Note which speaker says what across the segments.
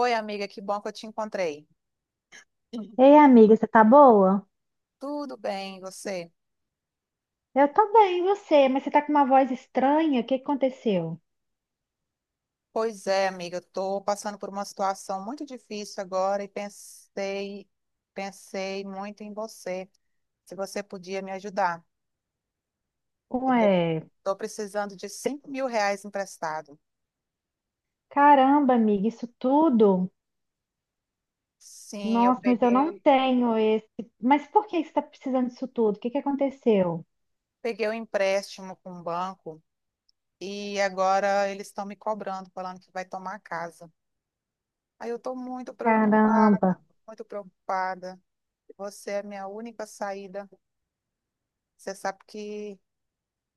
Speaker 1: Oi, amiga, que bom que eu te encontrei.
Speaker 2: Ei, amiga, você tá boa?
Speaker 1: Tudo bem, e você?
Speaker 2: Eu tô bem, e você? Mas você tá com uma voz estranha? O que que aconteceu?
Speaker 1: Pois é, amiga, eu estou passando por uma situação muito difícil agora e pensei muito em você, se você podia me ajudar. Eu
Speaker 2: Ué,
Speaker 1: estou precisando de R$ 5.000 emprestado.
Speaker 2: caramba, amiga, isso tudo?
Speaker 1: Sim, eu
Speaker 2: Nossa, mas eu não
Speaker 1: peguei,
Speaker 2: tenho esse. Mas por que você tá precisando disso tudo? O que que aconteceu?
Speaker 1: peguei o empréstimo com o banco e agora eles estão me cobrando, falando que vai tomar a casa. Aí eu estou muito
Speaker 2: Caramba,
Speaker 1: preocupada, muito preocupada. Você é a minha única saída. Você sabe que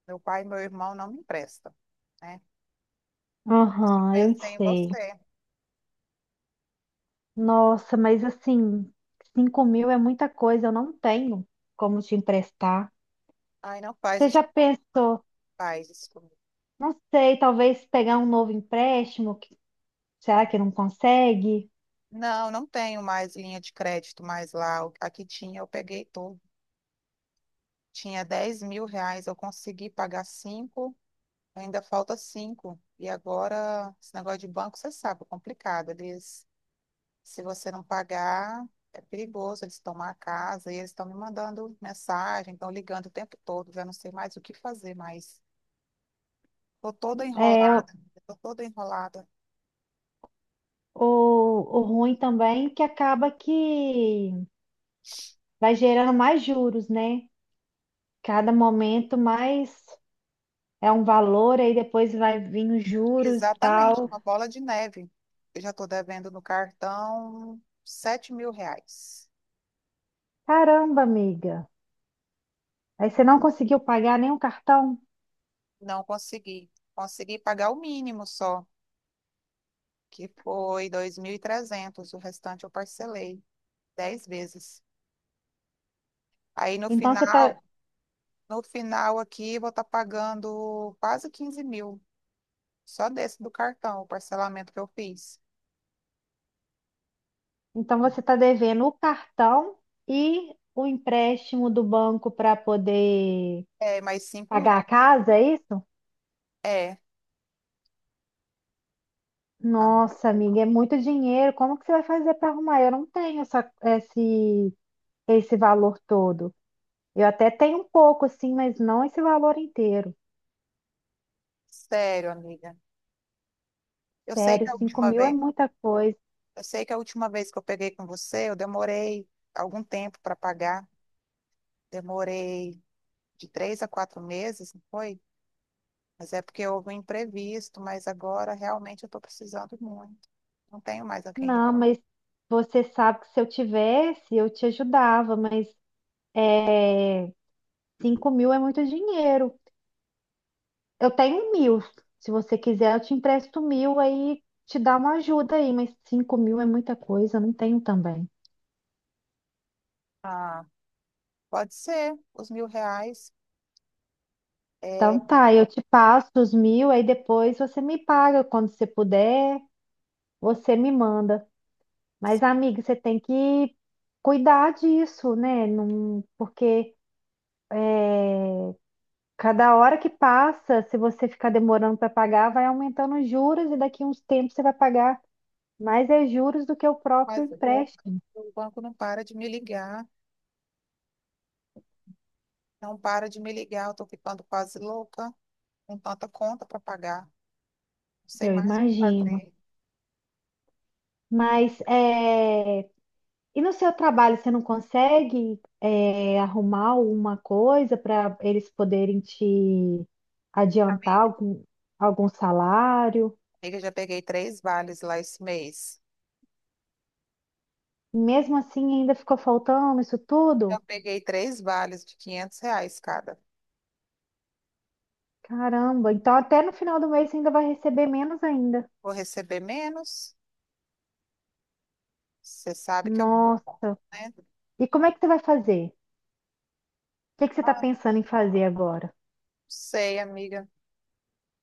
Speaker 1: meu pai e meu irmão não me emprestam, né?
Speaker 2: aham, eu
Speaker 1: Pensei em
Speaker 2: sei.
Speaker 1: você.
Speaker 2: Nossa, mas assim, 5.000 é muita coisa, eu não tenho como te emprestar.
Speaker 1: Ai, não faz
Speaker 2: Você
Speaker 1: isso,
Speaker 2: já
Speaker 1: comigo,
Speaker 2: pensou?
Speaker 1: faz isso comigo.
Speaker 2: Não sei, talvez pegar um novo empréstimo? Será que não consegue?
Speaker 1: Não, não tenho mais linha de crédito mais lá. Aqui tinha, eu peguei tudo. Tinha R$ 10.000, eu consegui pagar cinco, ainda falta cinco. E agora, esse negócio de banco, você sabe, é complicado. Eles, se você não pagar, é perigoso, eles tomam a casa e eles estão me mandando mensagem, estão ligando o tempo todo, já não sei mais o que fazer mais. Tô toda
Speaker 2: É,
Speaker 1: enrolada, tô toda enrolada.
Speaker 2: ou ruim também, que acaba que vai gerando mais juros, né? Cada momento mais é um valor, aí depois vai vir os juros e
Speaker 1: Exatamente,
Speaker 2: tal.
Speaker 1: uma bola de neve. Eu já estou devendo no cartão R$ 7.000.
Speaker 2: Caramba, amiga. Aí você não conseguiu pagar nem o cartão?
Speaker 1: Não consegui. Consegui pagar o mínimo só, que foi 2.300. O restante eu parcelei 10 vezes. Aí no
Speaker 2: Então você tá,
Speaker 1: final aqui, vou estar pagando quase 15 mil. Só desse do cartão, o parcelamento que eu fiz.
Speaker 2: então você tá devendo o cartão e o empréstimo do banco para poder
Speaker 1: É, mais 5.000.
Speaker 2: pagar a casa, é isso?
Speaker 1: É, tá.
Speaker 2: Nossa, amiga, é muito dinheiro. Como que você vai fazer para arrumar? Eu não tenho essa, esse valor todo. Eu até tenho um pouco, assim, mas não esse valor inteiro.
Speaker 1: Sério, amiga. Eu sei
Speaker 2: Sério,
Speaker 1: que a
Speaker 2: cinco
Speaker 1: última
Speaker 2: mil é
Speaker 1: vez,
Speaker 2: muita coisa.
Speaker 1: eu sei que a última vez que eu peguei com você, eu demorei algum tempo para pagar. Demorei de 3 a 4 meses, não foi? Mas é porque houve um imprevisto, mas agora realmente eu estou precisando muito. Não tenho mais a quem.
Speaker 2: Não,
Speaker 1: Recorrer.
Speaker 2: mas você sabe que se eu tivesse, eu te ajudava, mas 5.000 é muito dinheiro. Eu tenho 1.000. Se você quiser, eu te empresto 1.000, aí te dá uma ajuda aí, mas 5.000 é muita coisa, eu não tenho também.
Speaker 1: Ah, pode ser, os R$ 1.000. É,
Speaker 2: Então tá, eu te passo os 1.000, aí depois você me paga quando você puder, você me manda. Mas, amiga, você tem que cuidar disso, né? Não, porque cada hora que passa, se você ficar demorando para pagar, vai aumentando os juros e daqui a uns tempos você vai pagar mais é juros do que o próprio
Speaker 1: mas o
Speaker 2: empréstimo,
Speaker 1: o banco não para de me ligar, não para de me ligar. Eu estou ficando quase louca, com tanta conta para pagar. Não sei
Speaker 2: eu
Speaker 1: mais o que
Speaker 2: imagino.
Speaker 1: fazer.
Speaker 2: Mas, e no seu trabalho, você não consegue, é, arrumar uma coisa para eles poderem te adiantar
Speaker 1: Amiga.
Speaker 2: algum, algum salário?
Speaker 1: Amiga, eu já peguei três vales lá esse mês.
Speaker 2: Mesmo assim, ainda ficou faltando isso
Speaker 1: Eu
Speaker 2: tudo?
Speaker 1: peguei três vales de R$ 500 cada.
Speaker 2: Caramba, então até no final do mês você ainda vai receber menos ainda.
Speaker 1: Vou receber menos? Você sabe que eu,
Speaker 2: Nossa,
Speaker 1: né?
Speaker 2: e como é que você vai fazer? O que que você está
Speaker 1: Ah, não
Speaker 2: pensando em fazer agora?
Speaker 1: sei, amiga.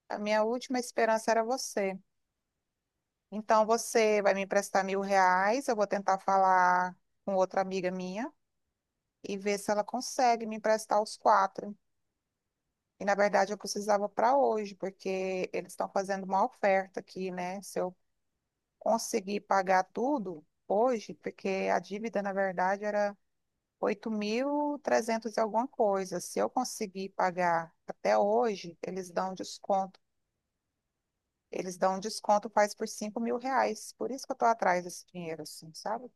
Speaker 1: A minha última esperança era você. Então, você vai me emprestar R$ 1.000, eu vou tentar falar com outra amiga minha e ver se ela consegue me emprestar os quatro. E, na verdade, eu precisava para hoje, porque eles estão fazendo uma oferta aqui, né? Se eu consegui pagar tudo hoje, porque a dívida, na verdade, era 8.300 e trezentos e alguma coisa. Se eu conseguir pagar até hoje, eles dão desconto. Eles dão desconto, faz por R$ 5.000. Por isso que eu estou atrás desse dinheiro, assim, sabe?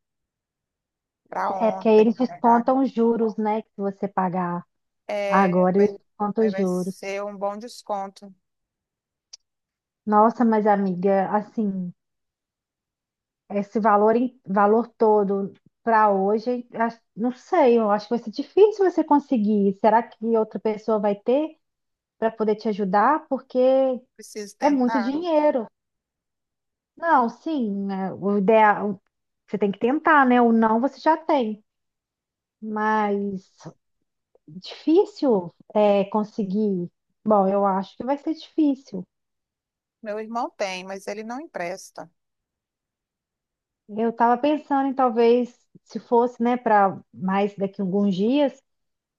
Speaker 1: Para
Speaker 2: É porque aí
Speaker 1: ontem,
Speaker 2: eles
Speaker 1: na verdade.
Speaker 2: descontam os juros, né? Que você pagar
Speaker 1: É,
Speaker 2: agora,
Speaker 1: vai,
Speaker 2: eles descontam
Speaker 1: aí
Speaker 2: os
Speaker 1: vai
Speaker 2: juros.
Speaker 1: ser um bom desconto.
Speaker 2: Nossa, mas amiga, assim, esse valor, valor todo para hoje, não sei, eu acho que vai ser difícil você conseguir. Será que outra pessoa vai ter para poder te ajudar? Porque
Speaker 1: Preciso
Speaker 2: é muito
Speaker 1: tentar.
Speaker 2: dinheiro. Não, sim, né, o ideal, você tem que tentar, né? O não você já tem, mas difícil é conseguir. Bom, eu acho que vai ser difícil.
Speaker 1: Meu irmão tem, mas ele não empresta.
Speaker 2: Eu estava pensando em talvez, se fosse, né, para mais daqui a alguns dias,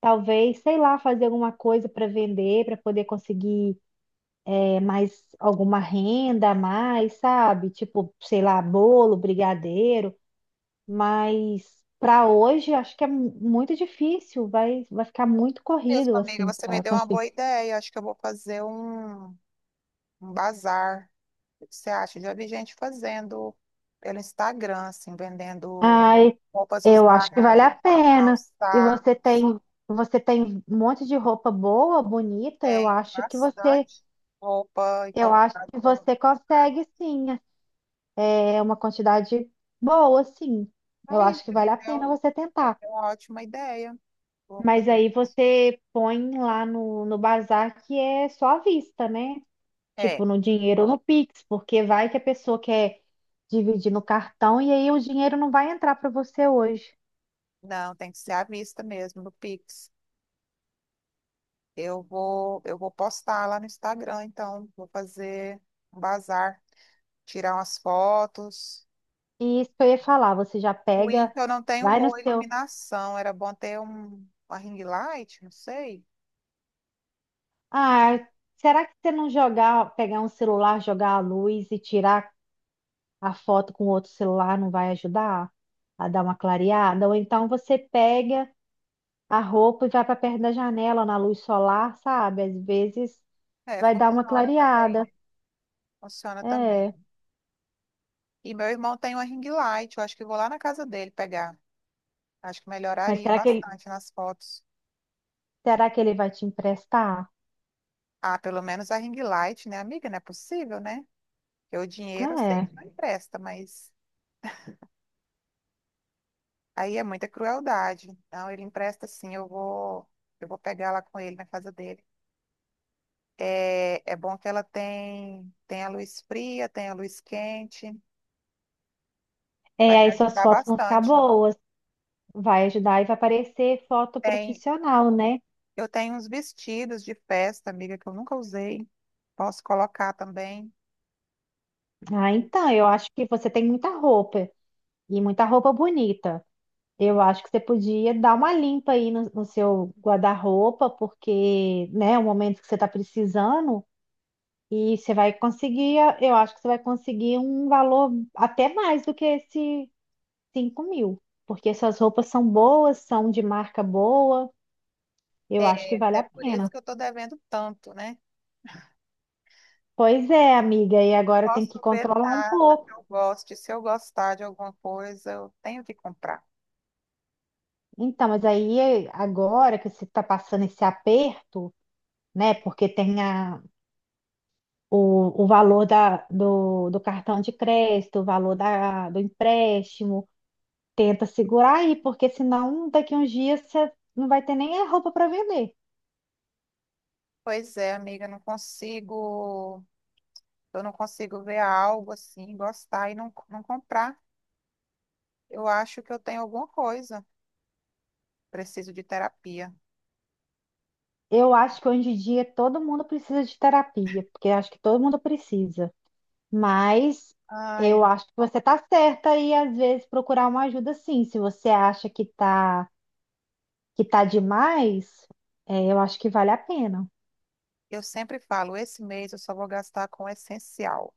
Speaker 2: talvez, sei lá, fazer alguma coisa para vender, para poder conseguir é, mais alguma renda a mais, sabe? Tipo, sei lá, bolo, brigadeiro. Mas para hoje, acho que é muito difícil, vai ficar muito
Speaker 1: Mesmo,
Speaker 2: corrido
Speaker 1: amiga,
Speaker 2: assim
Speaker 1: você me
Speaker 2: para
Speaker 1: deu uma
Speaker 2: conseguir.
Speaker 1: boa ideia. Acho que eu vou fazer um bazar. O que você acha? Já vi gente fazendo pelo Instagram, assim, vendendo
Speaker 2: Ai,
Speaker 1: roupas
Speaker 2: eu acho que vale a
Speaker 1: usadas,
Speaker 2: pena. E
Speaker 1: calçados.
Speaker 2: você tem um monte de roupa boa, bonita, eu
Speaker 1: Tem
Speaker 2: acho que você,
Speaker 1: bastante roupa e
Speaker 2: eu acho
Speaker 1: calçado
Speaker 2: que
Speaker 1: pelo
Speaker 2: você
Speaker 1: mercado.
Speaker 2: consegue sim. É uma quantidade boa, sim. Eu
Speaker 1: Aí,
Speaker 2: acho que
Speaker 1: você me
Speaker 2: vale a pena
Speaker 1: deu
Speaker 2: você tentar.
Speaker 1: deu uma ótima ideia. Vou
Speaker 2: Mas
Speaker 1: fazer
Speaker 2: aí
Speaker 1: isso.
Speaker 2: você põe lá no, no bazar que é só à vista, né?
Speaker 1: É,
Speaker 2: Tipo, no dinheiro ou no Pix, porque vai que a pessoa quer dividir no cartão e aí o dinheiro não vai entrar para você hoje.
Speaker 1: não, tem que ser à vista mesmo, no Pix. Eu vou postar lá no Instagram, então, vou fazer um bazar, tirar umas fotos.
Speaker 2: E isso que eu ia falar, você já
Speaker 1: Ruim
Speaker 2: pega,
Speaker 1: que eu não tenho
Speaker 2: vai no
Speaker 1: boa
Speaker 2: seu.
Speaker 1: iluminação. Era bom ter uma ring light, não sei.
Speaker 2: Ah, será que você não jogar, pegar um celular, jogar a luz e tirar a foto com outro celular não vai ajudar a dar uma clareada? Ou então você pega a roupa e vai para perto da janela na luz solar, sabe? Às vezes
Speaker 1: É,
Speaker 2: vai dar uma
Speaker 1: funciona também, né?
Speaker 2: clareada.
Speaker 1: Funciona
Speaker 2: É.
Speaker 1: também. E meu irmão tem uma ring light, eu acho que eu vou lá na casa dele pegar. Acho que
Speaker 2: Mas
Speaker 1: melhoraria bastante nas fotos.
Speaker 2: será que ele vai te emprestar?
Speaker 1: Ah, pelo menos a ring light, né, amiga? Não é possível, né? Porque o dinheiro eu sei
Speaker 2: É.
Speaker 1: que não empresta, mas aí é muita crueldade. Então, ele empresta sim, eu vou pegar lá com ele na casa dele. É, é bom que ela tem a luz fria, tem a luz quente. Vai
Speaker 2: É,
Speaker 1: me
Speaker 2: aí suas
Speaker 1: ajudar
Speaker 2: fotos vão ficar
Speaker 1: bastante.
Speaker 2: boas. Vai ajudar e vai aparecer foto
Speaker 1: Tem,
Speaker 2: profissional, né?
Speaker 1: eu tenho uns vestidos de festa, amiga, que eu nunca usei. Posso colocar também.
Speaker 2: Ah, então, eu acho que você tem muita roupa e muita roupa bonita. Eu acho que você podia dar uma limpa aí no, no seu guarda-roupa, porque, né, é o momento que você está precisando e você vai conseguir, eu acho que você vai conseguir um valor até mais do que esse 5.000, porque essas roupas são boas, são de marca boa, eu acho que
Speaker 1: É,
Speaker 2: vale
Speaker 1: é
Speaker 2: a
Speaker 1: por isso
Speaker 2: pena.
Speaker 1: que eu tô devendo tanto, né?
Speaker 2: Pois é, amiga, e agora tem que
Speaker 1: Posso ver
Speaker 2: controlar um
Speaker 1: nada que
Speaker 2: pouco.
Speaker 1: eu goste. Se eu gostar de alguma coisa, eu tenho que comprar.
Speaker 2: Então, mas aí agora que você está passando esse aperto, né? Porque tem a, o valor da, do, do cartão de crédito, o valor da, do empréstimo, tenta segurar aí, porque senão daqui uns dias você não vai ter nem a roupa para vender.
Speaker 1: Pois é, amiga, eu não consigo ver algo assim, gostar e não comprar. Eu acho que eu tenho alguma coisa. Preciso de terapia.
Speaker 2: Eu acho que hoje em dia todo mundo precisa de terapia, porque acho que todo mundo precisa. Mas
Speaker 1: Ai,
Speaker 2: eu acho que você tá certa e às vezes procurar uma ajuda sim. Se você acha que tá demais, é, eu acho que vale a pena.
Speaker 1: eu sempre falo, esse mês eu só vou gastar com o essencial.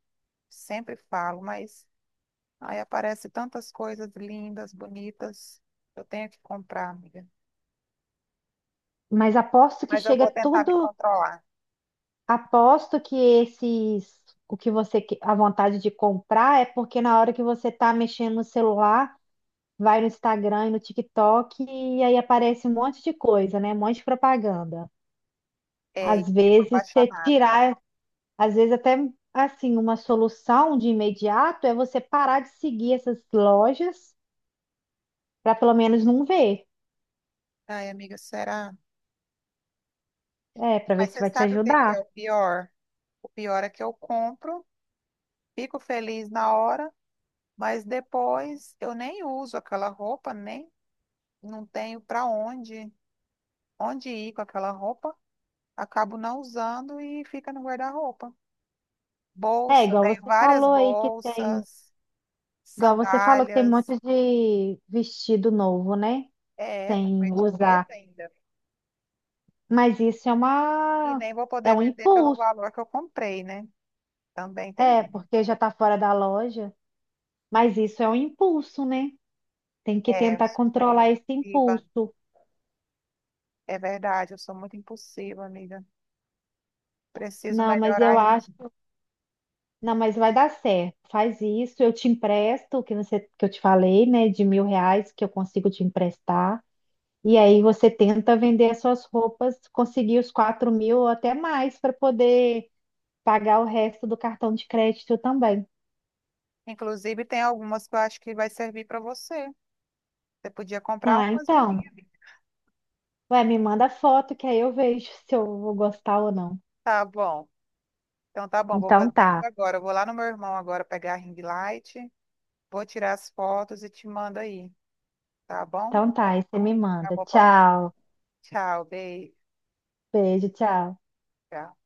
Speaker 1: Sempre falo, mas aí aparece tantas coisas lindas, bonitas. Eu tenho que comprar, amiga.
Speaker 2: Mas aposto que
Speaker 1: Mas eu
Speaker 2: chega
Speaker 1: vou tentar me
Speaker 2: tudo,
Speaker 1: controlar.
Speaker 2: aposto que esses o que você que- a vontade de comprar é porque na hora que você tá mexendo no celular, vai no Instagram e no TikTok e aí aparece um monte de coisa, né? Um monte de propaganda.
Speaker 1: É,
Speaker 2: Às
Speaker 1: e fico
Speaker 2: vezes, você
Speaker 1: apaixonada.
Speaker 2: tirar Às vezes até assim, uma solução de imediato é você parar de seguir essas lojas para pelo menos não ver.
Speaker 1: Ai, amiga, será?
Speaker 2: É, para ver
Speaker 1: Mas
Speaker 2: se
Speaker 1: você
Speaker 2: vai te
Speaker 1: sabe o que que é
Speaker 2: ajudar.
Speaker 1: o pior? O pior é que eu compro, fico feliz na hora, mas depois eu nem uso aquela roupa, nem não tenho para onde, onde ir com aquela roupa. Acabo não usando e fica no guarda-roupa.
Speaker 2: É,
Speaker 1: Bolsa,
Speaker 2: igual
Speaker 1: tenho
Speaker 2: você
Speaker 1: várias
Speaker 2: falou aí que tem,
Speaker 1: bolsas.
Speaker 2: igual você falou que tem um
Speaker 1: Sandálias.
Speaker 2: monte de vestido novo, né?
Speaker 1: É, tá com
Speaker 2: Sem usar.
Speaker 1: etiqueta ainda.
Speaker 2: Mas isso é
Speaker 1: E
Speaker 2: uma
Speaker 1: nem vou
Speaker 2: é
Speaker 1: poder
Speaker 2: um
Speaker 1: vender pelo
Speaker 2: impulso.
Speaker 1: valor que eu comprei, né? Também
Speaker 2: É,
Speaker 1: tem. Isso.
Speaker 2: porque já tá fora da loja, mas isso é um impulso, né? Tem que
Speaker 1: É, eu
Speaker 2: tentar
Speaker 1: sou muito
Speaker 2: controlar esse
Speaker 1: impulsiva.
Speaker 2: impulso.
Speaker 1: É verdade, eu sou muito impulsiva, amiga. Preciso
Speaker 2: Não, mas eu
Speaker 1: melhorar
Speaker 2: acho
Speaker 1: isso.
Speaker 2: Não, mas vai dar certo. Faz isso, eu te empresto o que você, que eu te falei, né, de 1.000 reais que eu consigo te emprestar. E aí você tenta vender as suas roupas, conseguir os 4.000 ou até mais para poder pagar o resto do cartão de crédito também.
Speaker 1: Inclusive, tem algumas que eu acho que vai servir para você. Você podia comprar
Speaker 2: Ah,
Speaker 1: umas de
Speaker 2: então,
Speaker 1: mim, amiga.
Speaker 2: vai, me manda foto que aí eu vejo se eu vou gostar ou não.
Speaker 1: Tá bom. Então tá bom, vou
Speaker 2: Então
Speaker 1: fazer isso
Speaker 2: tá,
Speaker 1: agora. Eu vou lá no meu irmão agora pegar a ring light, vou tirar as fotos e te mando aí, tá bom?
Speaker 2: então tá, aí você me
Speaker 1: Tá
Speaker 2: manda.
Speaker 1: bom, posso?
Speaker 2: Tchau,
Speaker 1: Tchau, beijo.
Speaker 2: beijo, tchau.
Speaker 1: Tchau.